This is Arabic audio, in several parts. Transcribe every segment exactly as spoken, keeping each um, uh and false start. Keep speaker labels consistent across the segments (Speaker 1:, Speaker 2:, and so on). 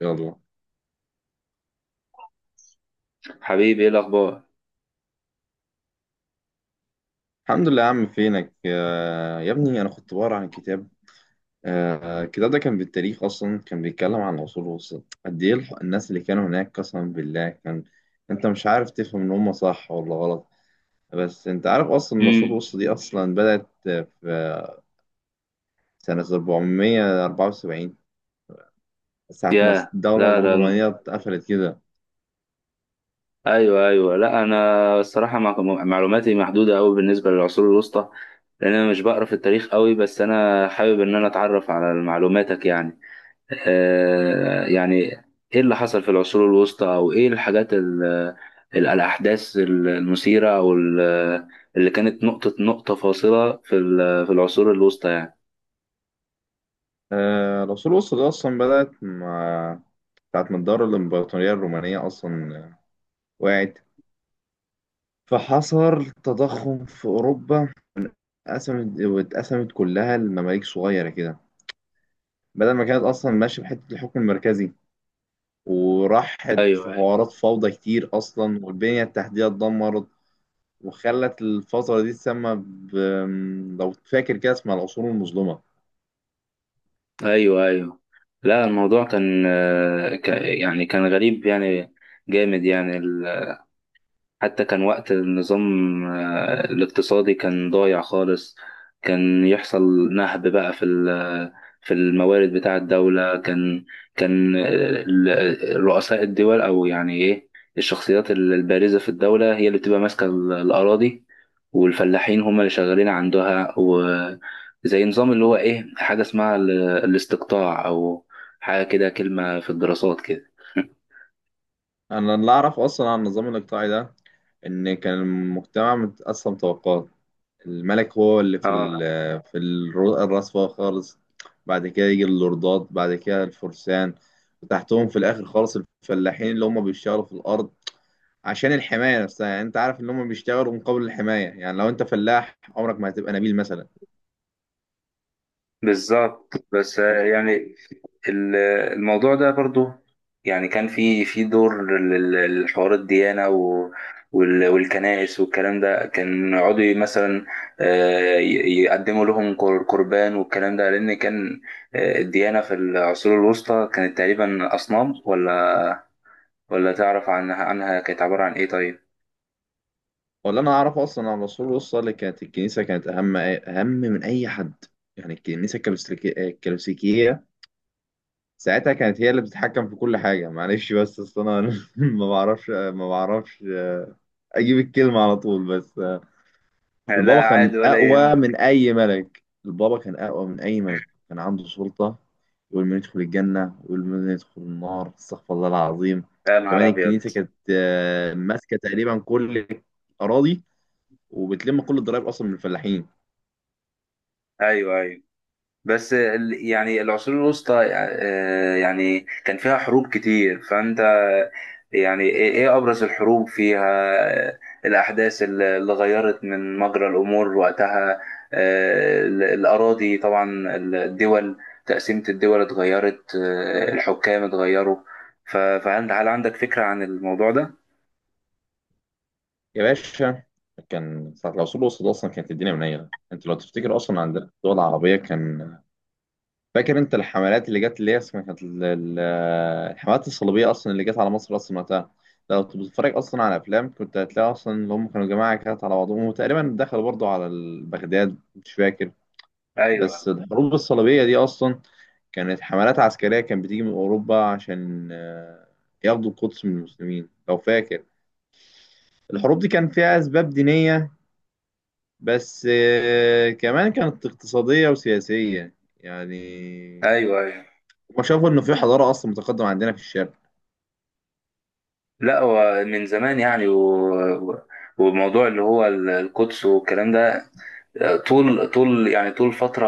Speaker 1: يلا.
Speaker 2: حبيبي، ايه الاخبار؟
Speaker 1: الحمد لله يا عم. فينك؟ آه، يا ابني، انا كنت بقرا عن كتاب. آه، الكتاب ده كان بالتاريخ، اصلا كان بيتكلم عن العصور الوسطى قد ايه. الح- الناس اللي كانوا هناك قسما بالله، كان انت مش عارف تفهم ان هم صح ولا غلط. بس انت عارف اصلا إن العصور
Speaker 2: امم.
Speaker 1: الوسطى دي اصلا بدأت آه، في سنة أربعمية وأربعة وسبعين، ساعة ما
Speaker 2: يا
Speaker 1: الدولة
Speaker 2: لا ده الم-
Speaker 1: العثمانية اتقفلت كده.
Speaker 2: ايوه، ايوه. لا انا الصراحه، مع- معلوماتي محدوده قوي بالنسبه للعصور الوسطى، لان انا مش بقرا في التاريخ قوي، بس انا حابب ان انا اتعرف على معلوماتك، يعني. آه يعني، ايه اللي حصل في العصور الوسطى، او ايه الحاجات ال ال- الاحداث المثيره، او ال- اللي كانت نقطه نقطه فاصله في ال- في العصور الوسطى، يعني.
Speaker 1: آه، العصور الوسطى دي اصلا بدأت مع ساعة ما الدولة الإمبراطورية الرومانية أصلا وقعت، فحصل تضخم في أوروبا. اتقسمت واتقسمت كلها لمماليك صغيرة كده، بدل ما كانت أصلا ماشية بحتة الحكم المركزي، وراحت في
Speaker 2: ايوه،
Speaker 1: حوارات فوضى كتير أصلا، والبنية التحتية اتدمرت، وخلت الفترة دي تسمى ب... لو فاكر كده اسمها العصور المظلمة.
Speaker 2: ايوه، ايوه. لا، الموضوع كان آه، ك- يعني كان غريب، يعني جامد، يعني. حتى كان وقت النظام آه، الاقتصادي كان ضايع خالص. كان يحصل نهب بقى في ال- في الموارد بتاع الدولة، كان كان ال- رؤساء الدول، أو يعني إيه، الشخصيات البارزة في الدولة هي اللي بتبقى ماسكة ال- الأراضي، والفلاحين هم اللي شغالين عندها، وزي نظام اللي هو إيه، حاجة اسمها ال- الاستقطاع، أو حاجة كده، كلمة في الدراسات كده.
Speaker 1: أنا اللي أعرف أصلا عن النظام الإقطاعي ده، إن كان المجتمع متقسم طبقات، الملك هو اللي في
Speaker 2: اه،
Speaker 1: ال- في الر- الرصفة خالص، بعد كده يجي اللوردات، بعد كده الفرسان، وتحتهم في الآخر خالص الفلاحين اللي هم بيشتغلوا في الأرض عشان الحماية نفسها. يعني أنت عارف إن هم بيشتغلوا مقابل الحماية، يعني لو أنت فلاح عمرك ما هتبقى نبيل مثلا.
Speaker 2: بالظبط. بس آه، يعني ال- الموضوع ده برضو، يعني كان في في دور لل- لحوار الديانة و- وال- والكنائس والكلام ده، كان يقعدوا مثلا آه، ي- يقدموا لهم قر- قربان والكلام ده، لأن كان آه، الديانة في العصور الوسطى كانت تقريبا أصنام، ولا ولا تعرف عنها عنها كانت عبارة عن إيه، طيب؟
Speaker 1: ولا أنا أعرف أصلا عن الرسول الله صلى الله عليه وسلم، كانت الكنيسة كانت أهم أهم من أي حد. يعني الكنيسة الكلوسيكية الكلوسيكية ساعتها كانت هي اللي بتتحكم في كل حاجة. معلش بس أصل أنا ما بعرفش ما بعرفش اجيب الكلمه على طول. بس آه،
Speaker 2: لا،
Speaker 1: البابا كان
Speaker 2: عادي ولا
Speaker 1: اقوى
Speaker 2: يهمك.
Speaker 1: من اي ملك. البابا كان اقوى من اي ملك، كان عنده سلطه يقول من يدخل الجنه ويقول من يدخل النار. استغفر الله العظيم.
Speaker 2: يا
Speaker 1: وكمان
Speaker 2: نهار أبيض.
Speaker 1: الكنيسه كانت آه، ماسكه تقريبا كل الاراضي، وبتلم كل الضرايب اصلا من الفلاحين.
Speaker 2: أيوه، أيوه. بس ال- يعني العصور الوسطى آه، يعني كان فيها حروب كتير، فأنت يعني، إيه إيه أبرز الحروب فيها؟ آه، الأحداث اللي اللي غيرت من مجرى الأمور وقتها، آه، ال- الأراضي طبعا، ال- الدول، تقسيمة الدول اتغيرت، آه، الحكام اتغيروا. ف- فهل هل عندك فكرة عن الموضوع ده؟
Speaker 1: يا باشا، كان ساعه العصور الوسطى ده اصلا كانت الدنيا منيله. انت لو تفتكر اصلا عندنا في الدول العربيه، كان فاكر انت الحملات اللي جت اللي هي اسمها كانت ال- ال- الحملات الصليبيه اصلا اللي جت على مصر اصلا وقتها. لو كنت بتتفرج اصلا على افلام، كنت هتلاقي اصلا اللي هم كانوا جماعه كانت على بعضهم، وتقريبا دخلوا برضو على ال- بغداد، مش فاكر. بس
Speaker 2: أيوه،
Speaker 1: الحروب الصليبيه دي اصلا كانت حملات عسكريه كانت بتيجي من اوروبا عشان آه، ياخدوا القدس من المسلمين، لو فاكر. الحروب دي كان فيها اسباب دينيه، بس آه، كمان كانت اقتصاديه وسياسيه يعني.
Speaker 2: أيوه، أيوه.
Speaker 1: هما شافوا إن في حضارة أصلا متقدمة عندنا في الشرق.
Speaker 2: لا، هو من زمان، يعني و... و- وموضوع اللي هو ال- القدس والكلام ده، طول طول يعني طول فترة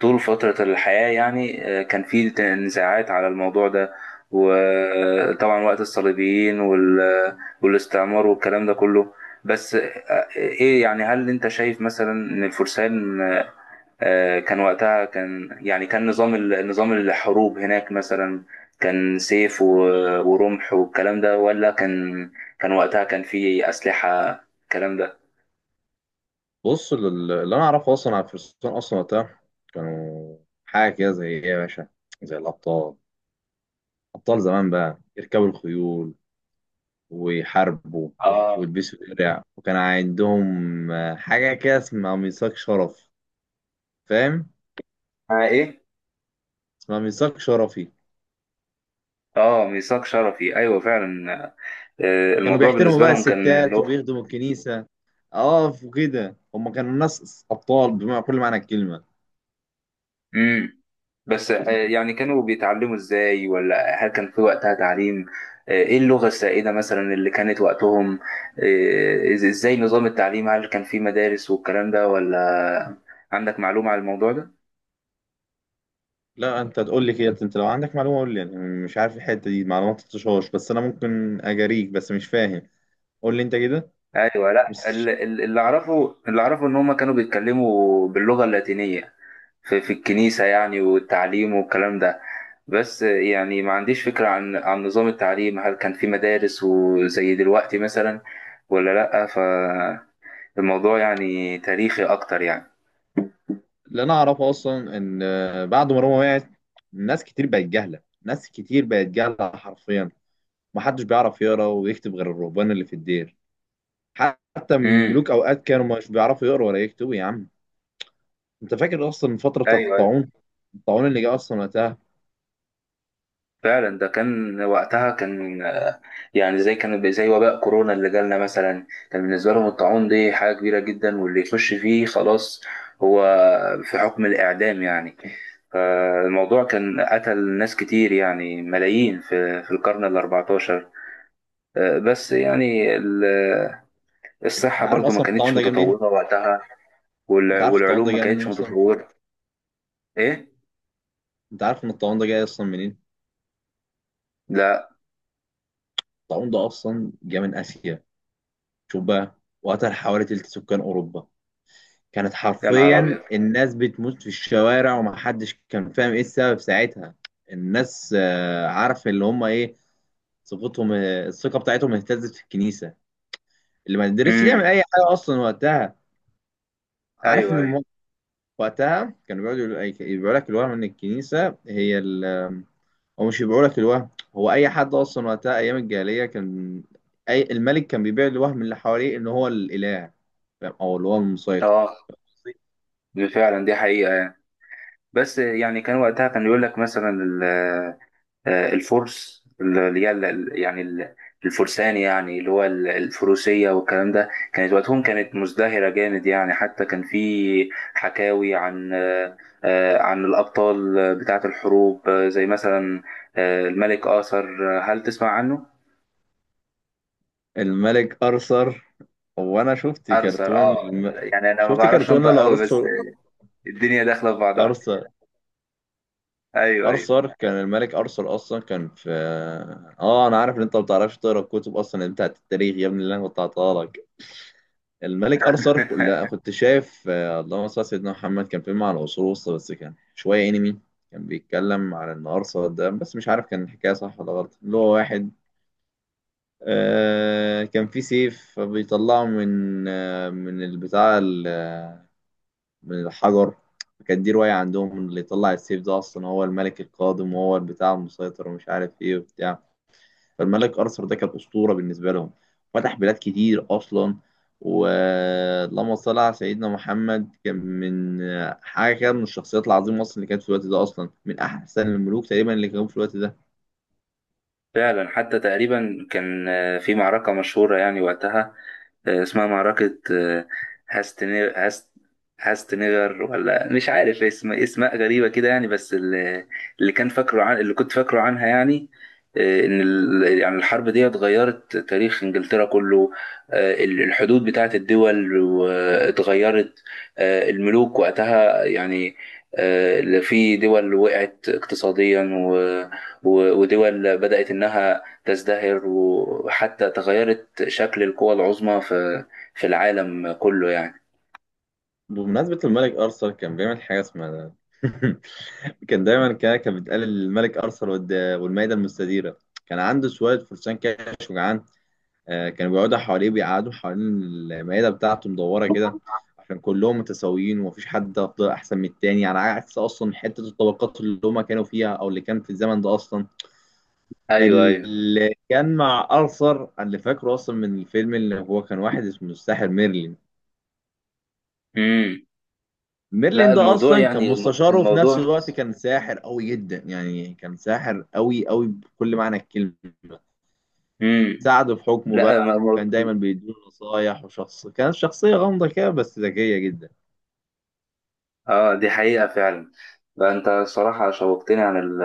Speaker 2: طول فترة الحياة، يعني آه، كان في ت- نزاعات على الموضوع ده، وطبعا وقت الصليبيين وال- والاستعمار والكلام ده كله. بس آه، ايه، يعني، هل انت شايف مثلا ان الفرسان آه، كان وقتها، كان يعني كان نظام ال- نظام الحروب هناك مثلا، كان سيف و- ورمح والكلام ده، ولا كان كان وقتها كان في أسلحة الكلام ده؟
Speaker 1: بص، لل- اللي أنا أعرفه أصلا على الفرسان أصلا وقتها كانوا حاجة كده زي إيه يا باشا، زي الأبطال. أبطال زمان بقى، يركبوا الخيول ويحاربوا
Speaker 2: اه.
Speaker 1: ويلبسوا درع، وكان عندهم آه، حاجة كده اسمها ميثاق شرف، فاهم؟
Speaker 2: آه، ايه.
Speaker 1: اسمها ميثاق شرفي.
Speaker 2: اه، ميثاق شرفي. ايوه، فعلا. آه،
Speaker 1: كانوا
Speaker 2: الموضوع
Speaker 1: بيحترموا
Speaker 2: بالنسبه
Speaker 1: بقى
Speaker 2: لهم كان، اللي
Speaker 1: الستات
Speaker 2: هو.
Speaker 1: وبيخدموا الكنيسة. اه وكده هما كانوا ناس أبطال بمعنى كل معنى الكلمة.
Speaker 2: امم. بس آه، يعني كانوا بيتعلموا ازاي، ولا هل كان في وقتها تعليم؟ آه، ايه اللغه السائده مثلا اللي كانت وقتهم؟ آه، إز- ازاي نظام التعليم، هل كان في مدارس والكلام ده ولا؟ عندك معلومه على الموضوع ده؟
Speaker 1: لا انت تقول لي كده، انت لو عندك معلومه قول لي يعني. مش عارف الحته دي معلومه، ما تطشهاش. بس انا ممكن اجاريك، بس مش فاهم. قول لي انت كده.
Speaker 2: ايوه. لا، ال-
Speaker 1: بس
Speaker 2: ال- اللي اعرفه اللي اعرفه ان هم كانوا بيتكلموا باللغه اللاتينيه في, في الكنيسة، يعني، والتعليم والكلام ده. بس يعني ما عنديش فكرة عن عن نظام التعليم، هل كان في مدارس وزي دلوقتي مثلا، ولا لأ؟ فالموضوع يعني تاريخي أكتر، يعني.
Speaker 1: اللي انا اعرفه اصلا ان آه، بعد ما روما وقعت، ناس كتير بقت جهله، ناس كتير بقت جهله حرفيا. محدش بيعرف يقرا ويكتب غير الرهبان اللي في الدير. حتى
Speaker 2: امم.
Speaker 1: ملوك اوقات كانوا مش بيعرفوا يقروا ولا يكتبوا يا عم. انت فاكر اصلا الفتره بتاعت
Speaker 2: أيوه، أيوه،
Speaker 1: الطاعون، الطاعون اللي جه اصلا وقتها؟
Speaker 2: فعلا. ده كان وقتها كان آه، يعني زي كان زي وباء كورونا اللي جالنا مثلا، كان بالنسبة لهم الطاعون دي حاجة كبيرة جدا، واللي يخش فيه خلاص، هو في حكم الإعدام يعني. فالموضوع كان قتل ناس كتير، يعني ملايين، في في القرن الأربعتاشر. آه، بس يعني ال- الصحة
Speaker 1: انت عارف
Speaker 2: برضو ما
Speaker 1: اصلا الطاعون
Speaker 2: كانتش
Speaker 1: ده جه منين؟
Speaker 2: متطورة وقتها،
Speaker 1: انت
Speaker 2: والع-
Speaker 1: عارف الطاعون
Speaker 2: والعلوم
Speaker 1: ده
Speaker 2: ما
Speaker 1: جه منين
Speaker 2: كانتش
Speaker 1: اصلا؟
Speaker 2: متطورة. إيه؟
Speaker 1: انت عارف ان الطاعون ده جاي اصلا منين؟
Speaker 2: لا.
Speaker 1: الطاعون ده اصلا جه من اسيا. شوف بقى، وقتل حوالي تلت سكان اوروبا. كانت
Speaker 2: يا نهار
Speaker 1: حرفيا
Speaker 2: أبيض.
Speaker 1: الناس بتموت في الشوارع، ومحدش كان فاهم ايه السبب ساعتها. الناس آه، عارف اللي هم ايه، ثقتهم آه، الثقه بتاعتهم اهتزت في الكنيسه اللي ما قدرتش تعمل
Speaker 2: امم.
Speaker 1: اي حاجه اصلا وقتها. عارف
Speaker 2: أيوه،
Speaker 1: ان
Speaker 2: أيوه.
Speaker 1: الم- وقتها كانوا بيقعدوا يقولوا- بيقول لك الوهم ان الكنيسه هي ال- هو مش بيبيعوا لك الوهم. هو اي حد اصلا وقتها ايام الجاهليه كان، اي الملك كان بيبيع الوهم اللي حواليه ان هو الاله، فاهم؟ او اللي هو المسيطر.
Speaker 2: أه، فعلا، دي حقيقة. بس يعني كان وقتها كان يقول لك مثلا ال- آه، الفرس اللي هي ال- يعني ال- الفرسان، يعني اللي هو ال- الفروسية والكلام ده، كانت وقتهم كانت مزدهرة جامد، يعني حتى كان في حكاوي عن آه، آه، عن الأبطال بتاعة الحروب آه، زي مثلا آه، الملك آثر، آه، هل تسمع عنه؟
Speaker 1: الملك ارثر. هو انا شفت
Speaker 2: أرثر،
Speaker 1: كرتون
Speaker 2: اه،
Speaker 1: الم...
Speaker 2: يعني أنا ما
Speaker 1: شفت
Speaker 2: بعرفش
Speaker 1: كرتون
Speaker 2: أنطق قوي، بس
Speaker 1: الارثر.
Speaker 2: الدنيا داخلة في بعضها.
Speaker 1: ارثر.
Speaker 2: أيوه، أيوه،
Speaker 1: ارثر، كان الملك ارثر اصلا كان في، اه انا عارف ان انت ما بتعرفش تقرا الكتب اصلا بتاعت التاريخ يا ابني اللي انا كنت هعطاها لك. الملك ارثر، كل انا كنت شايف آه، اللهم صل على سيدنا محمد، كان فيلم على العصور الوسطى بس كان شويه انمي. كان بيتكلم على ان ارثر ده، بس مش عارف كان الحكايه صح ولا غلط، اللي هو واحد آه كان في سيف بيطلعه من آه من البتاع ال- آه، من الحجر. كان دي روايه عندهم، اللي يطلع السيف ده اصلا هو الملك القادم وهو البتاع المسيطر، ومش عارف ايه وبتاع. فالملك ارثر ده كان اسطوره بالنسبه لهم. فتح بلاد كتير اصلا. ولما صلى على سيدنا محمد، كان من حاجه كده من الشخصيات العظيمه اصلا اللي كانت في الوقت ده، اصلا من احسن الملوك تقريبا اللي كانوا في الوقت ده.
Speaker 2: فعلا. حتى تقريبا كان آه، في معركة مشهورة يعني وقتها، آه، اسمها معركة آه، هاستنير هاست هاستنيغر، ولا مش عارف اسم اسماء غريبة كده يعني، بس اللي اللي كان فاكره، عن اللي كنت فاكره عنها، يعني آه، ان ال- يعني الحرب دي غيرت تاريخ انجلترا كله. آه، ال- الحدود بتاعت الدول و- اتغيرت، آه، الملوك وقتها، يعني آه، في دول وقعت اقتصاديا، و- ودول بدأت إنها تزدهر، وحتى تغيرت شكل القوى العظمى في في العالم كله، يعني.
Speaker 1: بمناسبه الملك ارثر، كان بيعمل حاجه اسمها كان دايما كده كان بيتقال الملك ارثر والد- والمائده المستديره. كان عنده شويه فرسان كده، آه، كانوا بيقعدوا حواليه بيقعدوا حوالين المائدة بتاعته مدورة كده عشان كلهم متساويين ومفيش حد أفضل أحسن من التاني، على عكس أصلا حتة الطبقات اللي هما كانوا فيها أو اللي كان في الزمن ده أصلا.
Speaker 2: أيوه، أيوه.
Speaker 1: اللي كان مع أرثر، اللي فاكره أصلا من الفيلم، اللي هو كان واحد اسمه الساحر ميرلين.
Speaker 2: امم. لا،
Speaker 1: ميرلين ده
Speaker 2: الموضوع
Speaker 1: أصلا كان
Speaker 2: يعني الم-
Speaker 1: مستشاره، وفي نفس
Speaker 2: الموضوع.
Speaker 1: الوقت كان ساحر قوي جدا يعني، كان ساحر قوي قوي بكل معنى الكلمة.
Speaker 2: امم.
Speaker 1: ساعده في حكمه
Speaker 2: لا.
Speaker 1: بقى،
Speaker 2: ما- ما-
Speaker 1: وكان دايما بيديله نصايح، وشخص كانت شخصية غامضة كده بس ذكية جدا.
Speaker 2: اه، دي حقيقة فعلا. لا، انت الصراحة شوقتني عن ال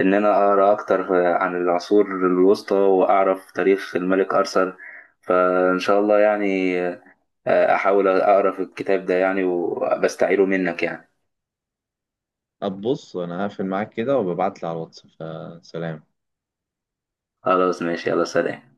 Speaker 2: ان انا اقرا اكتر عن العصور الوسطى واعرف تاريخ الملك ارثر، فان شاء الله يعني، آه، احاول اقرا في الكتاب ده يعني، وبستعيره منك يعني.
Speaker 1: طب بص، أنا هقفل معاك كده وببعتلي على الواتس، فسلام.
Speaker 2: خلاص، ماشي، يلا، سلام.